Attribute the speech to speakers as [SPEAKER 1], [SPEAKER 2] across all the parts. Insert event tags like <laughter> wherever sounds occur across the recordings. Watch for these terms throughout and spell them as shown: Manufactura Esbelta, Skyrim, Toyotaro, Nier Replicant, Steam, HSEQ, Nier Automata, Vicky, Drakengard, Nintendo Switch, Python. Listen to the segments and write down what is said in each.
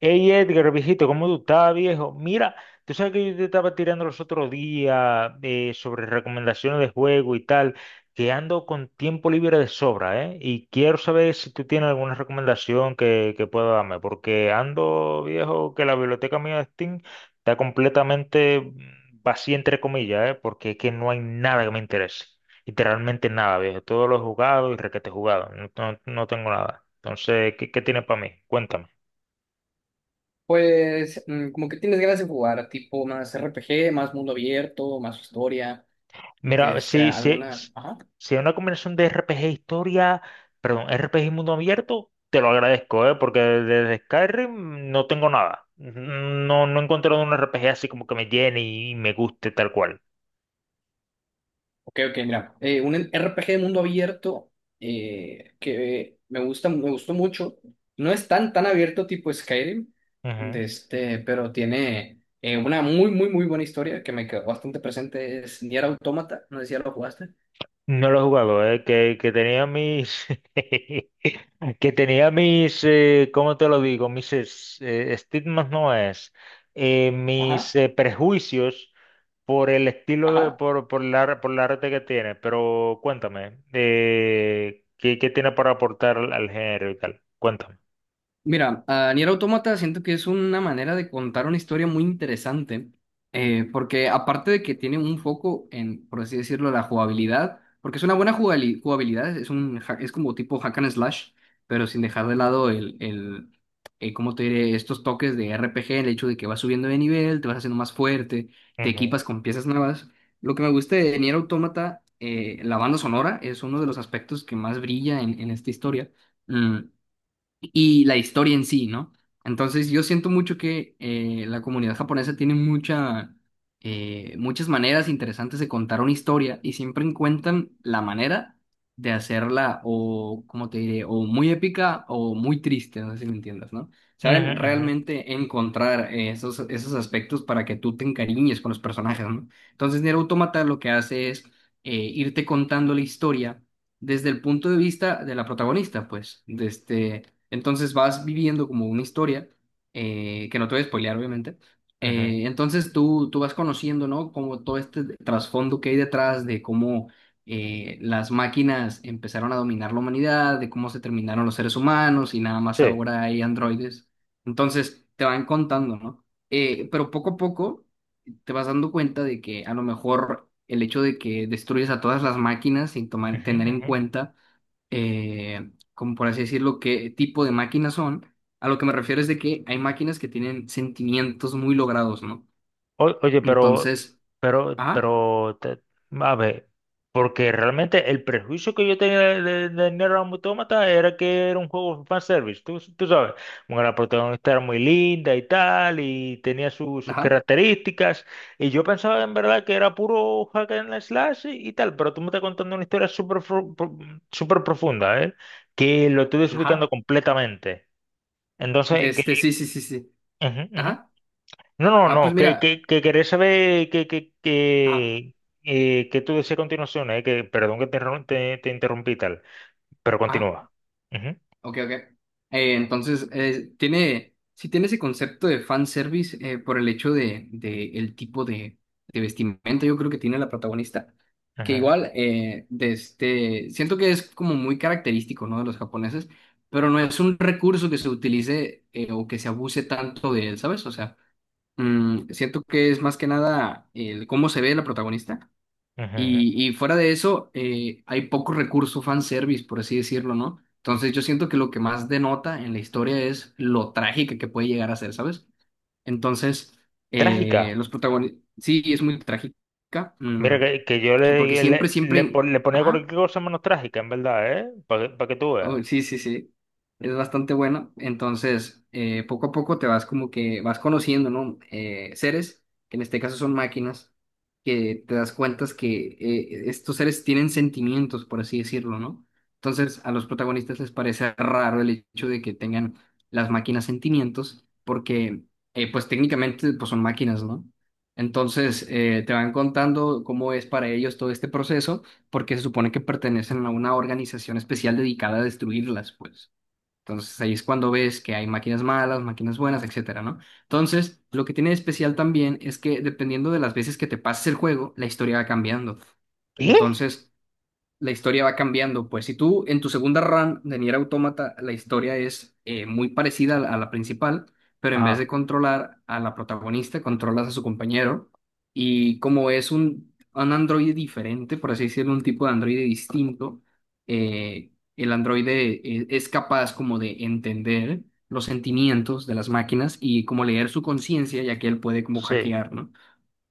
[SPEAKER 1] Hey Edgar, viejito, ¿cómo tú estás, viejo? Mira, tú sabes que yo te estaba tirando los otros días, sobre recomendaciones de juego y tal, que ando con tiempo libre de sobra, ¿eh? Y quiero saber si tú tienes alguna recomendación que pueda darme, porque ando, viejo, que la biblioteca mía de Steam está completamente vacía, entre comillas, ¿eh? Porque es que no hay nada que me interese. Literalmente nada, viejo. Todo lo he jugado y requete jugado. No, no tengo nada. Entonces, ¿qué tienes para mí? Cuéntame.
[SPEAKER 2] Pues como que tienes ganas de jugar, tipo más RPG, más mundo abierto, más historia, de
[SPEAKER 1] Mira,
[SPEAKER 2] este, alguna. Ajá.
[SPEAKER 1] si es una combinación de RPG historia, perdón, RPG y mundo abierto, te lo agradezco, ¿eh? Porque desde Skyrim no tengo nada. No, no he encontrado un RPG así como que me llene y me guste tal cual.
[SPEAKER 2] Ok, ok, mira. Un RPG de mundo abierto, que me gusta, me gustó mucho. No es tan, tan abierto tipo Skyrim,
[SPEAKER 1] Ujú.
[SPEAKER 2] de este, pero tiene una muy, muy, muy buena historia que me quedó bastante presente. Es Nier Automata, no sé si ya lo jugaste.
[SPEAKER 1] No lo he jugado, ¿eh? Que tenía mis... <laughs> que tenía mis... ¿Cómo te lo digo? Mis estigmas no es. eh,
[SPEAKER 2] Ajá,
[SPEAKER 1] mis eh, prejuicios por el estilo de,
[SPEAKER 2] ajá.
[SPEAKER 1] por la arte que tiene, pero cuéntame, ¿qué tiene para aportar al género y tal? Cuéntame.
[SPEAKER 2] Mira, a Nier Automata siento que es una manera de contar una historia muy interesante, porque aparte de que tiene un foco en, por así decirlo, la jugabilidad, porque es una buena jugabilidad, es como tipo hack and slash, pero sin dejar de lado el ¿cómo te diré? Estos toques de RPG, el hecho de que vas subiendo de nivel, te vas haciendo más fuerte, te
[SPEAKER 1] Ujú,
[SPEAKER 2] equipas con piezas nuevas. Lo que me gusta de Nier Automata, la banda sonora, es uno de los aspectos que más brilla en esta historia. Mm, y la historia en sí, ¿no? Entonces yo siento mucho que la comunidad japonesa tiene muchas maneras interesantes de contar una historia y siempre encuentran la manera de hacerla o, como te diré, o muy épica o muy triste, no sé si me entiendas, ¿no?
[SPEAKER 1] ujú,
[SPEAKER 2] Saben
[SPEAKER 1] ujú,
[SPEAKER 2] realmente encontrar esos aspectos para que tú te encariñes con los personajes, ¿no? Entonces Nier Automata lo que hace es irte contando la historia desde el punto de vista de la protagonista, pues. De este, entonces vas viviendo como una historia, que no te voy a spoilear, obviamente.
[SPEAKER 1] ujú.
[SPEAKER 2] Entonces tú vas conociendo, ¿no? Como todo este trasfondo que hay detrás de cómo las máquinas empezaron a dominar la humanidad, de cómo se terminaron los seres humanos y nada más
[SPEAKER 1] Sí.
[SPEAKER 2] ahora hay androides. Entonces te van contando, ¿no? Pero poco a poco te vas dando cuenta de que a lo mejor el hecho de que destruyes a todas las máquinas sin
[SPEAKER 1] Ujú,
[SPEAKER 2] tener en
[SPEAKER 1] ujú.
[SPEAKER 2] cuenta, como por así decirlo, qué tipo de máquinas son. A lo que me refiero es de que hay máquinas que tienen sentimientos muy logrados, ¿no?
[SPEAKER 1] Oye, pero,
[SPEAKER 2] Entonces,
[SPEAKER 1] pero,
[SPEAKER 2] ajá,
[SPEAKER 1] pero, te- a ver, porque realmente el prejuicio que yo tenía de Nier Automata era que era un juego fanservice, tú sabes, bueno, la protagonista era muy linda y tal, y tenía sus
[SPEAKER 2] ajá,
[SPEAKER 1] características, y yo pensaba en verdad que era puro hack and slash y tal, pero tú me estás contando una historia súper profunda, ¿eh? Que lo estoy desubicando
[SPEAKER 2] ajá,
[SPEAKER 1] completamente.
[SPEAKER 2] de
[SPEAKER 1] Entonces, que,
[SPEAKER 2] este, sí, sí, sí, sí,
[SPEAKER 1] ujú, ujú.
[SPEAKER 2] ajá,
[SPEAKER 1] No, no,
[SPEAKER 2] ah,
[SPEAKER 1] no,
[SPEAKER 2] pues
[SPEAKER 1] que,
[SPEAKER 2] mira,
[SPEAKER 1] que, que querés saber
[SPEAKER 2] ajá,
[SPEAKER 1] que tú decías a continuación, que perdón que te interrumpí y tal, pero
[SPEAKER 2] ajá.
[SPEAKER 1] continúa. Ujú,
[SPEAKER 2] Ok, ok. Entonces, tiene, sí tiene ese concepto de fanservice, por el hecho de el tipo de vestimenta, yo creo que tiene la protagonista, que
[SPEAKER 1] ajá,
[SPEAKER 2] igual, de este, siento que es como muy característico, ¿no?, de los japoneses, pero no es un recurso que se utilice, o que se abuse tanto de él, ¿sabes? O sea, siento que es más que nada el cómo se ve la protagonista
[SPEAKER 1] ajá.
[SPEAKER 2] y fuera de eso, hay poco recurso fanservice, por así decirlo, ¿no? Entonces yo siento que lo que más denota en la historia es lo trágica que puede llegar a ser, ¿sabes? Entonces,
[SPEAKER 1] Trágica.
[SPEAKER 2] los protagonistas, sí, es muy trágica,
[SPEAKER 1] Mira que yo
[SPEAKER 2] porque siempre, siempre,
[SPEAKER 1] le ponía cualquier
[SPEAKER 2] ajá.
[SPEAKER 1] cosa menos trágica, en verdad, ¿eh? Para que, pa' que tú
[SPEAKER 2] Oh,
[SPEAKER 1] veas.
[SPEAKER 2] sí, sí, sí. Es bastante bueno. Entonces, poco a poco te vas como que vas conociendo, ¿no? Seres, que en este caso son máquinas, que te das cuenta que estos seres tienen sentimientos, por así decirlo, ¿no? Entonces, a los protagonistas les parece raro el hecho de que tengan las máquinas sentimientos, porque, pues técnicamente, pues son máquinas, ¿no? Entonces, te van contando cómo es para ellos todo este proceso porque se supone que pertenecen a una organización especial dedicada a destruirlas, pues. Entonces ahí es cuando ves que hay máquinas malas, máquinas buenas, etcétera, ¿no? Entonces, lo que tiene de especial también es que dependiendo de las veces que te pases el juego, la historia va cambiando.
[SPEAKER 1] ¿Qué?
[SPEAKER 2] Entonces, la historia va cambiando. Pues si tú en tu segunda run de Nier Automata, la historia es, muy parecida a la principal, pero en vez de
[SPEAKER 1] Ajá,
[SPEAKER 2] controlar a la protagonista, controlas a su compañero. Y como es un androide diferente, por así decirlo, un tipo de androide distinto, el androide, es capaz como de entender los sentimientos de las máquinas y como leer su conciencia, ya que él puede como
[SPEAKER 1] sí.
[SPEAKER 2] hackear, ¿no?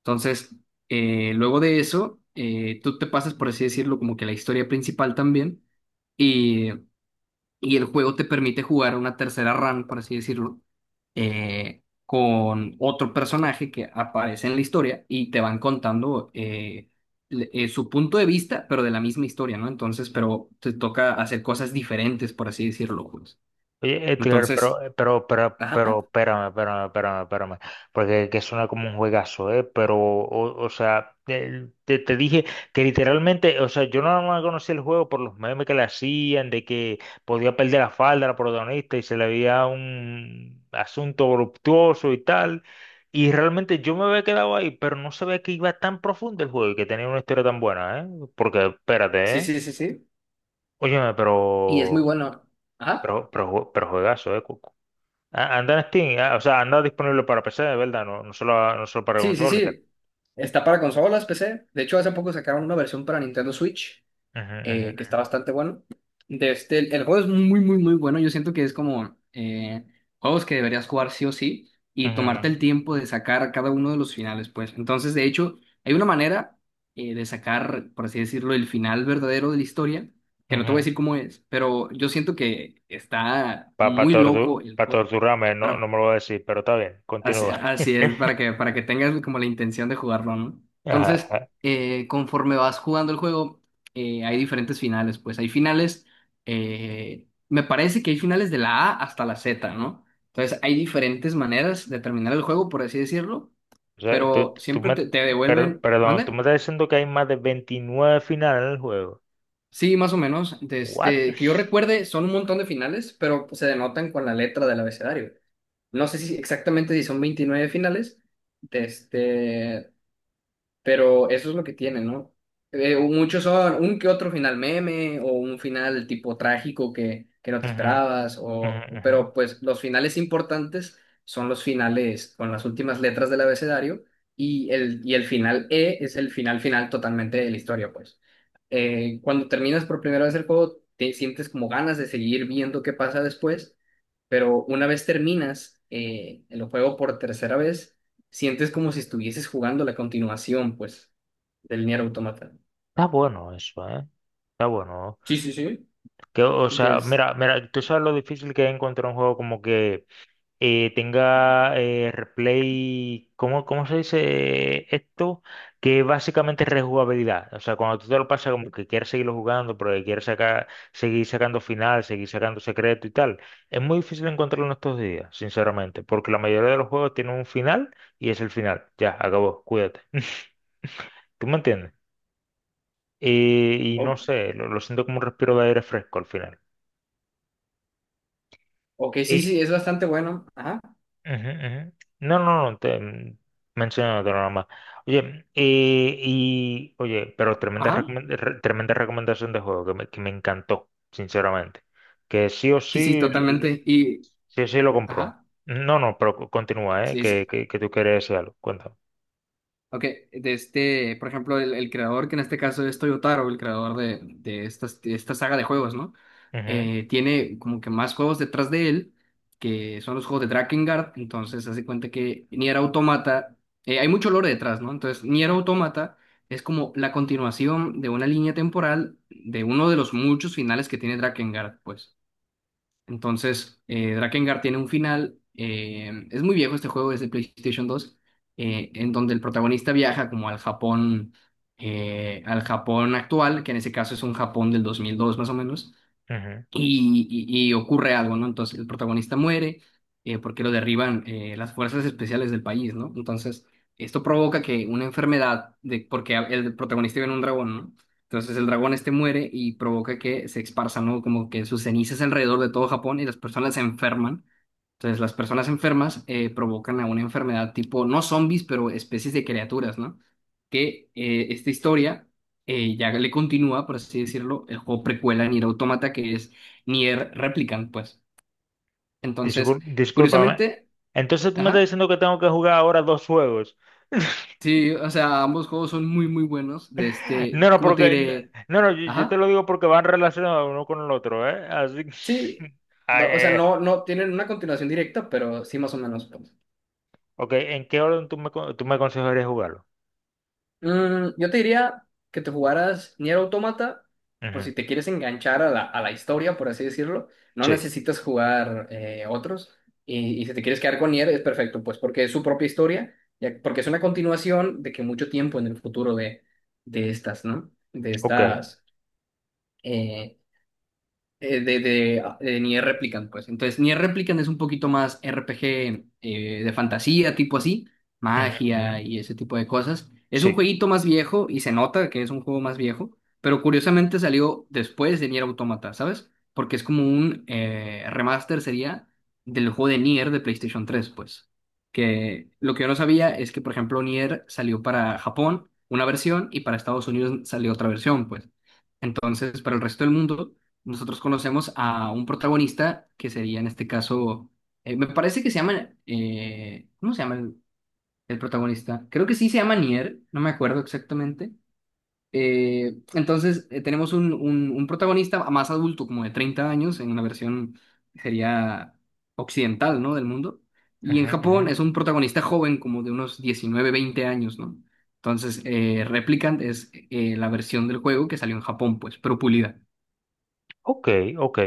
[SPEAKER 2] Entonces, luego de eso, tú te pasas, por así decirlo, como que la historia principal también, y, y el juego te permite jugar una tercera run, por así decirlo, con otro personaje que aparece en la historia y te van contando, su punto de vista, pero de la misma historia, ¿no? Entonces, pero te toca hacer cosas diferentes, por así decirlo, pues.
[SPEAKER 1] Oye, Edgar,
[SPEAKER 2] Entonces,
[SPEAKER 1] pero,
[SPEAKER 2] ajá,
[SPEAKER 1] espérame, espérame, espérame, espérame, porque que suena como un juegazo, ¿eh? Pero, o sea, te dije que literalmente, o sea, yo no, más conocía el juego por los memes que le hacían, de que podía perder la falda a la protagonista y se le veía un asunto voluptuoso y tal, y realmente yo me había quedado ahí, pero no sabía que iba tan profundo el juego y que tenía una historia tan buena, ¿eh? Porque, espérate,
[SPEAKER 2] sí,
[SPEAKER 1] ¿eh?
[SPEAKER 2] sí, sí, sí.
[SPEAKER 1] Óyeme, pero,
[SPEAKER 2] Y es muy bueno. Ajá.
[SPEAKER 1] pero, pero, jue- pero juegazo, ¿eh? Ah, anda en Steam, ah, o sea, anda disponible para PC, de verdad, no solo para
[SPEAKER 2] Sí, sí,
[SPEAKER 1] consola y tal.
[SPEAKER 2] sí. Está para consolas, PC. De hecho, hace poco sacaron una versión para Nintendo Switch, que está bastante bueno. De este, el juego es muy, muy, muy bueno. Yo siento que es como, juegos que deberías jugar sí o sí y tomarte el tiempo de sacar cada uno de los finales, pues. Entonces, de hecho, hay una manera, de sacar, por así decirlo, el final verdadero de la historia, que no te voy a decir cómo es, pero yo siento que está
[SPEAKER 1] Para
[SPEAKER 2] muy loco el, co-
[SPEAKER 1] torturarme, no, no
[SPEAKER 2] para
[SPEAKER 1] me lo voy a decir, pero está bien,
[SPEAKER 2] Así,
[SPEAKER 1] continúa.
[SPEAKER 2] así es,
[SPEAKER 1] <laughs>
[SPEAKER 2] para que tengas como la intención de jugarlo, ¿no?
[SPEAKER 1] Ajá,
[SPEAKER 2] Entonces,
[SPEAKER 1] ajá.
[SPEAKER 2] conforme vas jugando el juego, hay diferentes finales, pues hay finales, me parece que hay finales de la A hasta la Z, ¿no? Entonces, hay diferentes maneras de terminar el juego, por así decirlo,
[SPEAKER 1] O sea, tú,
[SPEAKER 2] pero
[SPEAKER 1] tú
[SPEAKER 2] siempre
[SPEAKER 1] me,
[SPEAKER 2] te
[SPEAKER 1] tú- per-
[SPEAKER 2] devuelven,
[SPEAKER 1] perdón, tú me
[SPEAKER 2] ¿mande?
[SPEAKER 1] estás diciendo que hay más de 29 finales en el juego.
[SPEAKER 2] Sí, más o menos,
[SPEAKER 1] ¿What?
[SPEAKER 2] desde que yo recuerde, son un montón de finales, pero se denotan con la letra del abecedario. No sé si exactamente si son 29 finales. Este, pero eso es lo que tiene, ¿no? Muchos son un que otro final meme o un final tipo trágico que no te
[SPEAKER 1] Ujú,
[SPEAKER 2] esperabas,
[SPEAKER 1] ujú,
[SPEAKER 2] o,
[SPEAKER 1] ujú.
[SPEAKER 2] pero pues los finales importantes son los finales con las últimas letras del abecedario y el final E es el final final totalmente de la historia, pues. Cuando terminas por primera vez el juego, te sientes como ganas de seguir viendo qué pasa después, pero una vez terminas, el juego por tercera vez, sientes como si estuvieses jugando la continuación, pues, del Nier Automata.
[SPEAKER 1] Está bueno eso, ¿eh? Está bueno.
[SPEAKER 2] Sí, sí, sí.
[SPEAKER 1] Que, o sea,
[SPEAKER 2] Entonces,
[SPEAKER 1] mira, mira, tú sabes lo difícil que es encontrar un juego como que tenga replay, ¿cómo se dice esto? Que básicamente es rejugabilidad. O sea, cuando tú te lo pasas como que quieres seguirlo jugando, pero que quieres sacar, seguir sacando final, seguir sacando secreto y tal. Es muy difícil encontrarlo en estos días, sinceramente, porque la mayoría de los juegos tienen un final y es el final. Ya, acabó, cuídate. <laughs> ¿Tú me entiendes? Y no
[SPEAKER 2] O-
[SPEAKER 1] sé, lo siento como un respiro de aire fresco al final.
[SPEAKER 2] ok, sí, sí, es bastante bueno. Ajá.
[SPEAKER 1] Ujú, ujú. No, no, no, te menciono otro nomás. Oye, pero tremenda,
[SPEAKER 2] Ajá.
[SPEAKER 1] tremenda recomendación de juego que me encantó, sinceramente. Que sí o sí,
[SPEAKER 2] Sí, sí, totalmente. Y,
[SPEAKER 1] sí o sí lo compró.
[SPEAKER 2] ajá.
[SPEAKER 1] No, no, pero continúa, ¿eh? Que,
[SPEAKER 2] Sí.
[SPEAKER 1] que, que tú quieres decir algo. Cuéntame.
[SPEAKER 2] Ok, de este, por ejemplo, el creador, que en este caso es Toyotaro, el creador de, de esta saga de juegos, ¿no?
[SPEAKER 1] Ujú,
[SPEAKER 2] Tiene como que más juegos detrás de él, que son los juegos de Drakengard, entonces hace cuenta que Nier Automata, hay mucho lore detrás, ¿no? Entonces, Nier Automata es como la continuación de una línea temporal de uno de los muchos finales que tiene Drakengard, pues. Entonces, Drakengard tiene un final. Es muy viejo este juego, es de PlayStation 2, en donde el protagonista viaja como al Japón actual, que en ese caso es un Japón del 2002 más o menos,
[SPEAKER 1] ujú.
[SPEAKER 2] y ocurre algo, ¿no? Entonces el protagonista muere, porque lo derriban, las fuerzas especiales del país, ¿no? Entonces esto provoca que una enfermedad, el protagonista viene un dragón, ¿no? Entonces el dragón este muere y provoca que se esparzan, ¿no?, como que sus cenizas alrededor de todo Japón y las personas se enferman. Entonces las personas enfermas, provocan a una enfermedad tipo, no zombies, pero especies de criaturas, ¿no?, que, esta historia, ya le continúa, por así decirlo, el juego precuela Nier Automata, que es ni er- replican, pues. Entonces,
[SPEAKER 1] Discúlpame.
[SPEAKER 2] curiosamente,
[SPEAKER 1] Entonces tú me estás
[SPEAKER 2] ajá,
[SPEAKER 1] diciendo que tengo que jugar ahora dos juegos. <laughs>
[SPEAKER 2] sí, o sea, ambos juegos son muy, muy buenos. De este,
[SPEAKER 1] No, no,
[SPEAKER 2] ¿cómo te
[SPEAKER 1] porque,
[SPEAKER 2] diré?
[SPEAKER 1] no, no, yo te
[SPEAKER 2] Ajá,
[SPEAKER 1] lo digo porque van relacionados uno con el otro, ¿eh? Así que,
[SPEAKER 2] sí,
[SPEAKER 1] <laughs> ay,
[SPEAKER 2] o sea, no, no tienen una continuación directa, pero sí, más o menos, pues.
[SPEAKER 1] ok, ¿en qué orden tú me aconsejarías jugarlo?
[SPEAKER 2] Yo te diría que te jugaras Nier Automata, por si
[SPEAKER 1] Ujú,
[SPEAKER 2] te quieres enganchar a la historia, por así decirlo. No
[SPEAKER 1] sí,
[SPEAKER 2] necesitas jugar, otros. Y si te quieres quedar con Nier, es perfecto, pues porque es su propia historia, porque es una continuación de que mucho tiempo en el futuro de estas, ¿no?
[SPEAKER 1] ok,
[SPEAKER 2] Eh, de de Nier Replicant, pues. Entonces, Nier Replicant es un poquito más RPG, de fantasía, tipo así,
[SPEAKER 1] ujú,
[SPEAKER 2] magia
[SPEAKER 1] ujú,
[SPEAKER 2] y ese tipo de cosas. Es un
[SPEAKER 1] sí,
[SPEAKER 2] jueguito más viejo y se nota que es un juego más viejo, pero curiosamente salió después de Nier Automata, ¿sabes? Porque es como un, remaster, sería, del juego de Nier de PlayStation 3, pues. Que lo que yo no sabía es que, por ejemplo, Nier salió para Japón una versión y para Estados Unidos salió otra versión, pues. Entonces, para el resto del mundo, nosotros conocemos a un protagonista que sería en este caso, me parece que se llama, ¿cómo se llama el protagonista? Creo que sí se llama Nier, no me acuerdo exactamente. Entonces, tenemos un protagonista más adulto, como de 30 años, en una versión sería occidental, ¿no?, del mundo. Y en
[SPEAKER 1] ujú,
[SPEAKER 2] Japón
[SPEAKER 1] ujú.
[SPEAKER 2] es un protagonista joven, como de unos 19 20 años, ¿no? Entonces, Replicant es, la versión del juego que salió en Japón, pues, pero pulida.
[SPEAKER 1] Ok, ok.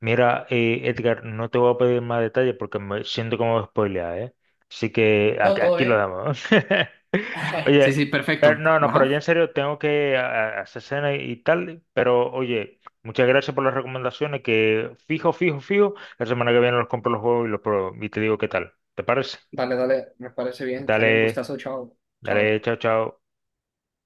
[SPEAKER 1] Mira, Edgar, no te voy a pedir más detalles porque me siento como spoilear, ¿eh? Así que aquí, aquí lo damos. <laughs>
[SPEAKER 2] Sí, sí,
[SPEAKER 1] Oye, pero
[SPEAKER 2] perfecto.
[SPEAKER 1] no, no, pero ya en
[SPEAKER 2] Ajá.
[SPEAKER 1] serio tengo que hacer cena y tal, pero oye, muchas gracias por las recomendaciones que fijo, fijo, fijo, la semana que viene los compro los juegos y los pruebo y te digo qué tal. ¿Te parece?
[SPEAKER 2] Dale, dale, me parece bien. Sale un
[SPEAKER 1] Dale,
[SPEAKER 2] gustazo, chao.
[SPEAKER 1] dale,
[SPEAKER 2] Chao.
[SPEAKER 1] chao, chao.